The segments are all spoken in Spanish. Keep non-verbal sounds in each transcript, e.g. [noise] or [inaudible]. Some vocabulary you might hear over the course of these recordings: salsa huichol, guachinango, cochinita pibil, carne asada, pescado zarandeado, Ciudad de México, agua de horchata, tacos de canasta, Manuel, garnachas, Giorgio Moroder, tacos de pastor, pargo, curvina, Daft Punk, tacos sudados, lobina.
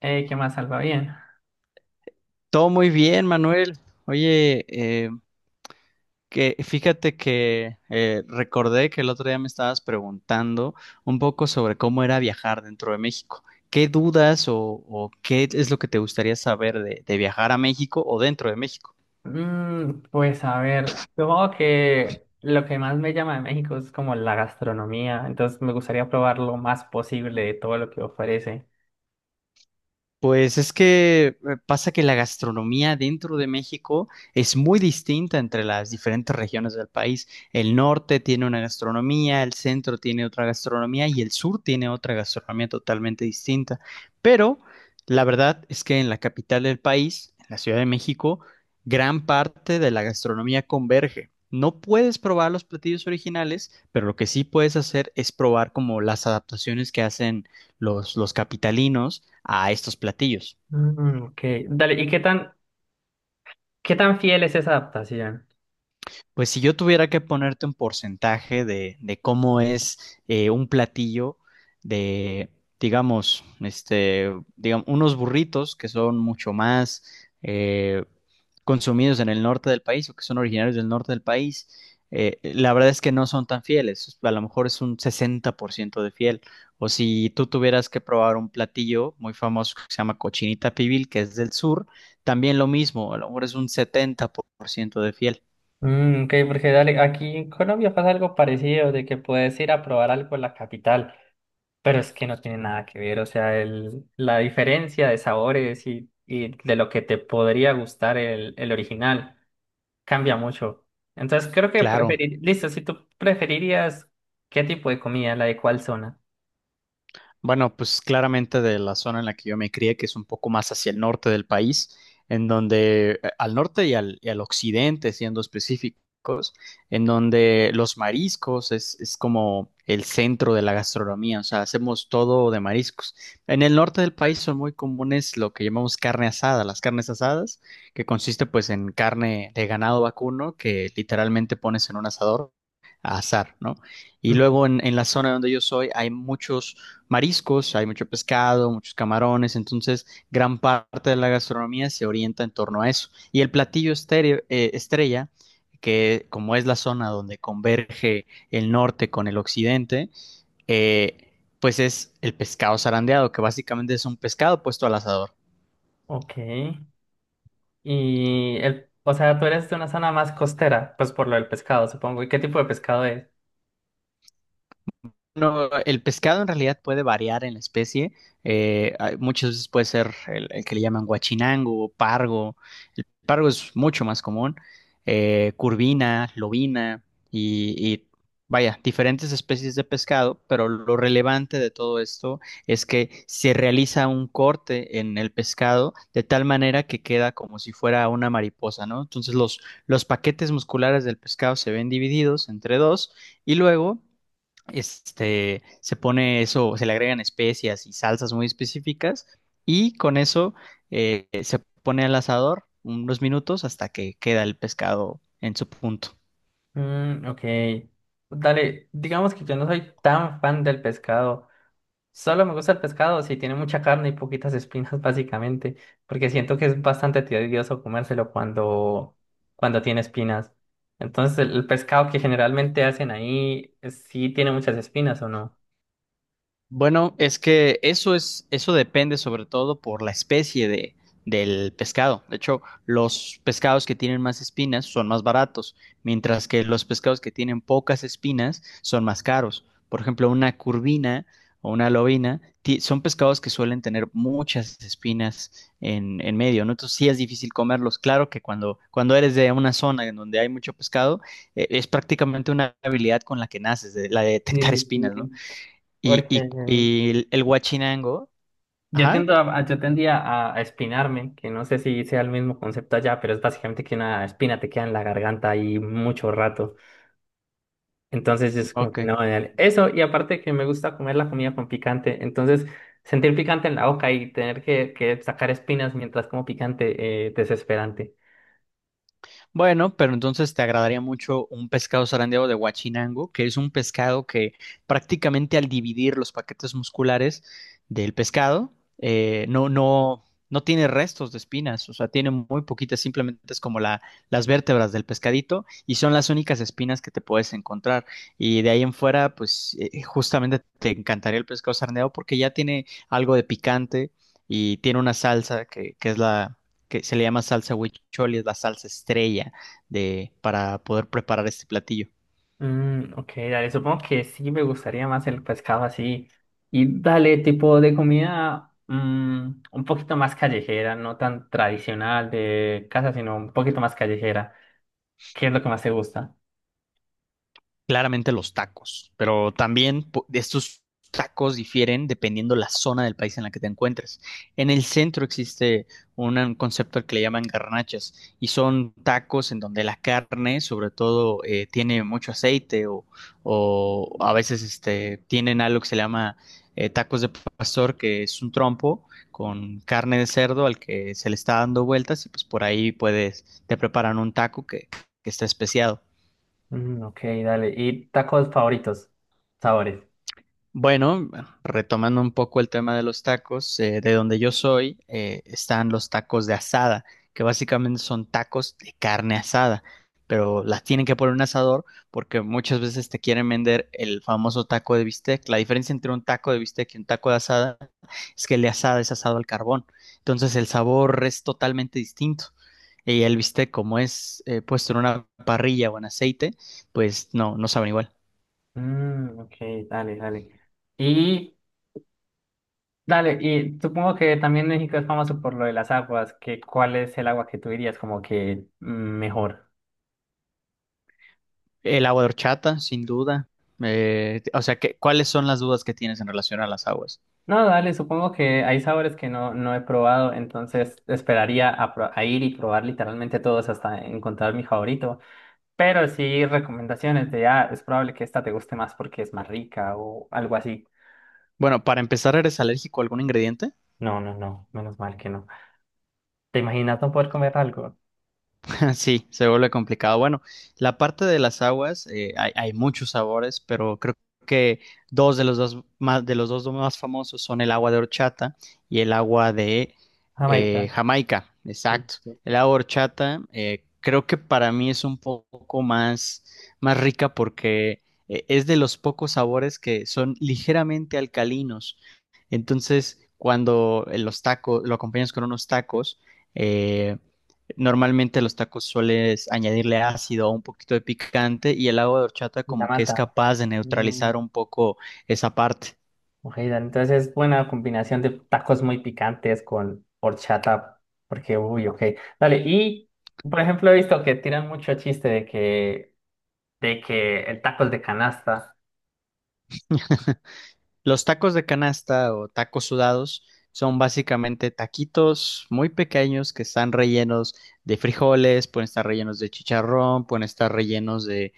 ¿Qué más Salva? Bien. Todo muy bien, Manuel. Oye, que fíjate que recordé que el otro día me estabas preguntando un poco sobre cómo era viajar dentro de México. ¿Qué dudas o qué es lo que te gustaría saber de viajar a México o dentro de México? Pues a ver, supongo que lo que más me llama de México es como la gastronomía, entonces me gustaría probar lo más posible de todo lo que ofrece. Pues es que pasa que la gastronomía dentro de México es muy distinta entre las diferentes regiones del país. El norte tiene una gastronomía, el centro tiene otra gastronomía y el sur tiene otra gastronomía totalmente distinta. Pero la verdad es que en la capital del país, en la Ciudad de México, gran parte de la gastronomía converge. No puedes probar los platillos originales, pero lo que sí puedes hacer es probar como las adaptaciones que hacen los capitalinos a estos platillos. Ok, dale, ¿y qué qué tan fiel es esa adaptación? Pues si yo tuviera que ponerte un porcentaje de cómo es un platillo de, digamos, este, digamos, unos burritos que son mucho más eh, consumidos en el norte del país o que son originarios del norte del país, la verdad es que no son tan fieles. A lo mejor es un 60% de fiel. O si tú tuvieras que probar un platillo muy famoso que se llama cochinita pibil, que es del sur, también lo mismo. A lo mejor es un 70% de fiel. Ok, porque dale, aquí en Colombia pasa algo parecido, de que puedes ir a probar algo en la capital, pero es que no tiene nada que ver, o sea, la diferencia de sabores y de lo que te podría gustar el original cambia mucho. Entonces creo que Claro. preferir, listo, si tú preferirías qué tipo de comida, la de cuál zona. Bueno, pues claramente de la zona en la que yo me crié, que es un poco más hacia el norte del país, en donde al norte y al occidente, siendo específicos, en donde los mariscos es como el centro de la gastronomía, o sea, hacemos todo de mariscos. En el norte del país son muy comunes lo que llamamos carne asada, las carnes asadas, que consiste pues en carne de ganado vacuno que literalmente pones en un asador a azar, ¿no? Y Ujú. luego en la zona donde yo soy hay muchos mariscos, hay mucho pescado, muchos camarones, entonces gran parte de la gastronomía se orienta en torno a eso. Y el platillo estrella, que como es la zona donde converge el norte con el occidente, eh, pues es el pescado zarandeado, que básicamente es un pescado puesto al asador. Ok. Y o sea, tú eres de una zona más costera, pues por lo del pescado, supongo. ¿Y qué tipo de pescado es? Bueno, el pescado en realidad puede variar en la especie. Muchas veces puede ser el que le llaman guachinango o pargo. El pargo es mucho más común. Curvina, lobina y vaya, diferentes especies de pescado, pero lo relevante de todo esto es que se realiza un corte en el pescado de tal manera que queda como si fuera una mariposa, ¿no? Entonces los paquetes musculares del pescado se ven divididos entre dos y luego este, se pone eso, se le agregan especias y salsas muy específicas y con eso se pone al asador unos minutos hasta que queda el pescado en su punto. Ok. Dale, digamos que yo no soy tan fan del pescado. Solo me gusta el pescado si tiene mucha carne y poquitas espinas, [laughs] básicamente, porque siento que es bastante tedioso comérselo cuando tiene espinas. Entonces, el pescado que generalmente hacen ahí, ¿sí tiene muchas espinas o no? Bueno, es que eso es, eso depende sobre todo por la especie de, del pescado. De hecho, los pescados que tienen más espinas son más baratos, mientras que los pescados que tienen pocas espinas son más caros. Por ejemplo, una curvina o una son pescados que suelen tener muchas espinas en medio, ¿no? Entonces sí es difícil comerlos. Claro que cuando, cuando eres de una zona en donde hay mucho pescado, es prácticamente una habilidad con la que naces, la de Sí, detectar sí, espinas, ¿no? sí. Y, Porque y, y el Huachinango, yo ajá, yo tendía a espinarme, que no sé si sea el mismo concepto allá, pero es básicamente que una espina te queda en la garganta ahí mucho rato. Entonces es como que ok. no, dale. Eso, y aparte que me gusta comer la comida con picante, entonces sentir picante en la boca y tener que sacar espinas mientras como picante, desesperante. Bueno, pero entonces te agradaría mucho un pescado zarandeado de Huachinango, que es un pescado que prácticamente al dividir los paquetes musculares del pescado, eh, no, no, no tiene restos de espinas, o sea, tiene muy poquitas, simplemente es como la, las vértebras del pescadito y son las únicas espinas que te puedes encontrar. Y de ahí en fuera, pues justamente te encantaría el pescado zarandeado porque ya tiene algo de picante y tiene una salsa que es la que se le llama salsa huichol y es la salsa estrella de, para poder preparar este platillo. Ok, dale, supongo que sí me gustaría más el pescado así. Y dale, tipo de comida un poquito más callejera, no tan tradicional de casa, sino un poquito más callejera. ¿Qué es lo que más te gusta? Claramente los tacos, pero también estos tacos difieren dependiendo la zona del país en la que te encuentres. En el centro existe un concepto al que le llaman garnachas y son tacos en donde la carne, sobre todo, tiene mucho aceite o a veces este, tienen algo que se llama tacos de pastor, que es un trompo con carne de cerdo al que se le está dando vueltas y pues por ahí puedes, te preparan un taco que está especiado. Ok, dale. ¿Y tacos favoritos? Sabores. Bueno, retomando un poco el tema de los tacos, de donde yo soy, están los tacos de asada, que básicamente son tacos de carne asada, pero las tienen que poner en un asador porque muchas veces te quieren vender el famoso taco de bistec. La diferencia entre un taco de bistec y un taco de asada es que el de asada es asado al carbón, entonces el sabor es totalmente distinto. Y el bistec, como es puesto en una parrilla o en aceite, pues no, no saben igual. Ok, dale, dale. Y dale, y supongo que también México es famoso por lo de las aguas, ¿que cuál es el agua que tú dirías como que mejor? El agua de horchata, sin duda. O sea, ¿qué- ¿cuáles son las dudas que tienes en relación a las aguas? No, dale, supongo que hay sabores que no he probado, entonces esperaría a ir y probar literalmente todos hasta encontrar mi favorito. Pero sí recomendaciones de, ah, es probable que esta te guste más porque es más rica o algo así. Bueno, para empezar, ¿eres alérgico a algún ingrediente? No, no, no, menos mal que no. ¿Te imaginas no poder comer algo? [laughs] Sí, se vuelve complicado. Bueno, la parte de las aguas, hay muchos sabores, pero creo que dos de los dos más, de los dos más famosos son el agua de horchata y el agua de Jamaica, Jamaica. sí, Exacto. sí, El agua de horchata, creo que para mí es un poco más, más rica porque es de los pocos sabores que son ligeramente alcalinos. Entonces, cuando los tacos, lo acompañas con unos tacos, eh, normalmente a los tacos sueles añadirle ácido o un poquito de picante y el agua de horchata la como que es mata. capaz de Mm, neutralizar un poco esa parte. ok, dale, entonces es buena combinación de tacos muy picantes con horchata, porque, uy, ok. Dale, y por ejemplo he visto que tiran mucho chiste de que el tacos de canasta. Los tacos de canasta o tacos sudados son básicamente taquitos muy pequeños que están rellenos de frijoles, pueden estar rellenos de chicharrón, pueden estar rellenos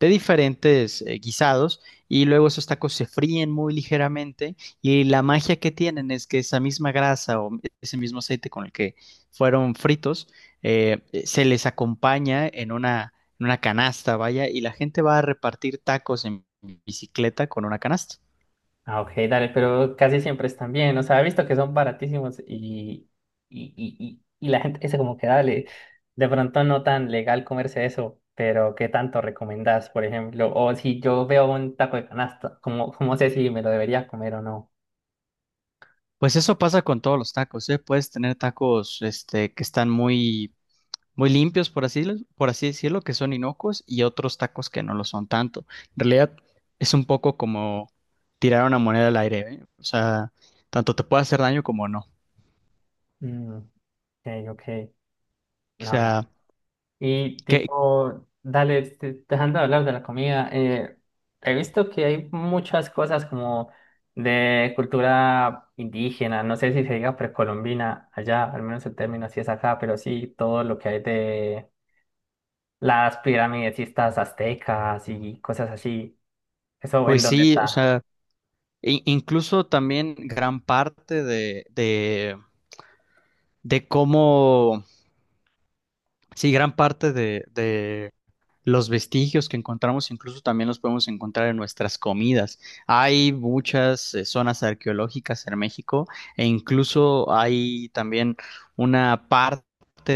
de diferentes guisados y luego esos tacos se fríen muy ligeramente y la magia que tienen es que esa misma grasa o ese mismo aceite con el que fueron fritos se les acompaña en una canasta, vaya, y la gente va a repartir tacos en bicicleta con una canasta. Ah, ok, dale, pero casi siempre están bien. O sea, he visto que son baratísimos y la gente dice como que dale, de pronto no tan legal comerse eso, pero ¿qué tanto recomendás, por ejemplo? O si yo veo un taco de canasta, ¿cómo, cómo sé si me lo debería comer o no? Pues eso pasa con todos los tacos, ¿eh? Puedes tener tacos, este, que están muy, muy limpios, por así decirlo, que son inocuos, y otros tacos que no lo son tanto. En realidad es un poco como tirar una moneda al aire, ¿eh? O sea, tanto te puede hacer daño como no. Mm, ok, ok. O No, sea, y que, tipo, dale, este, dejando de hablar de la comida, he visto que hay muchas cosas como de cultura indígena, no sé si se diga precolombina allá, al menos el término así es acá, pero sí todo lo que hay de las pirámides y estas aztecas y cosas así, eso en pues dónde sí, o está. sea, incluso también gran parte de cómo, sí, gran parte de los vestigios que encontramos incluso también los podemos encontrar en nuestras comidas. Hay muchas zonas arqueológicas en México e incluso hay también una parte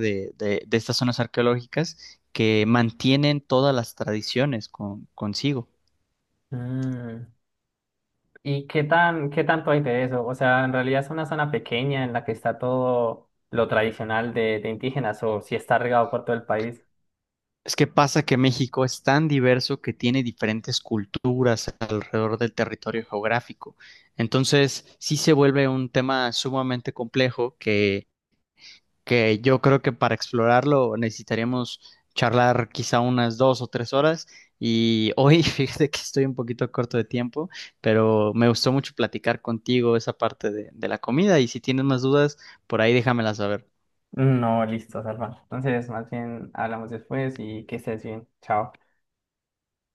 de, de estas zonas arqueológicas que mantienen todas las tradiciones consigo. Mm, ¿Y qué qué tanto hay de eso? O sea, en realidad es una zona pequeña en la que está todo lo tradicional de indígenas o si está regado por todo el país. Es que pasa que México es tan diverso que tiene diferentes culturas alrededor del territorio geográfico. Entonces, sí se vuelve un tema sumamente complejo que yo creo que para explorarlo necesitaríamos charlar quizá unas 2 o 3 horas. Y hoy [laughs] fíjate que estoy un poquito corto de tiempo, pero me gustó mucho platicar contigo esa parte de la comida y si tienes más dudas, por ahí déjamelas saber. No, listo, Salva. Entonces, más bien hablamos después y que estés bien. Chao.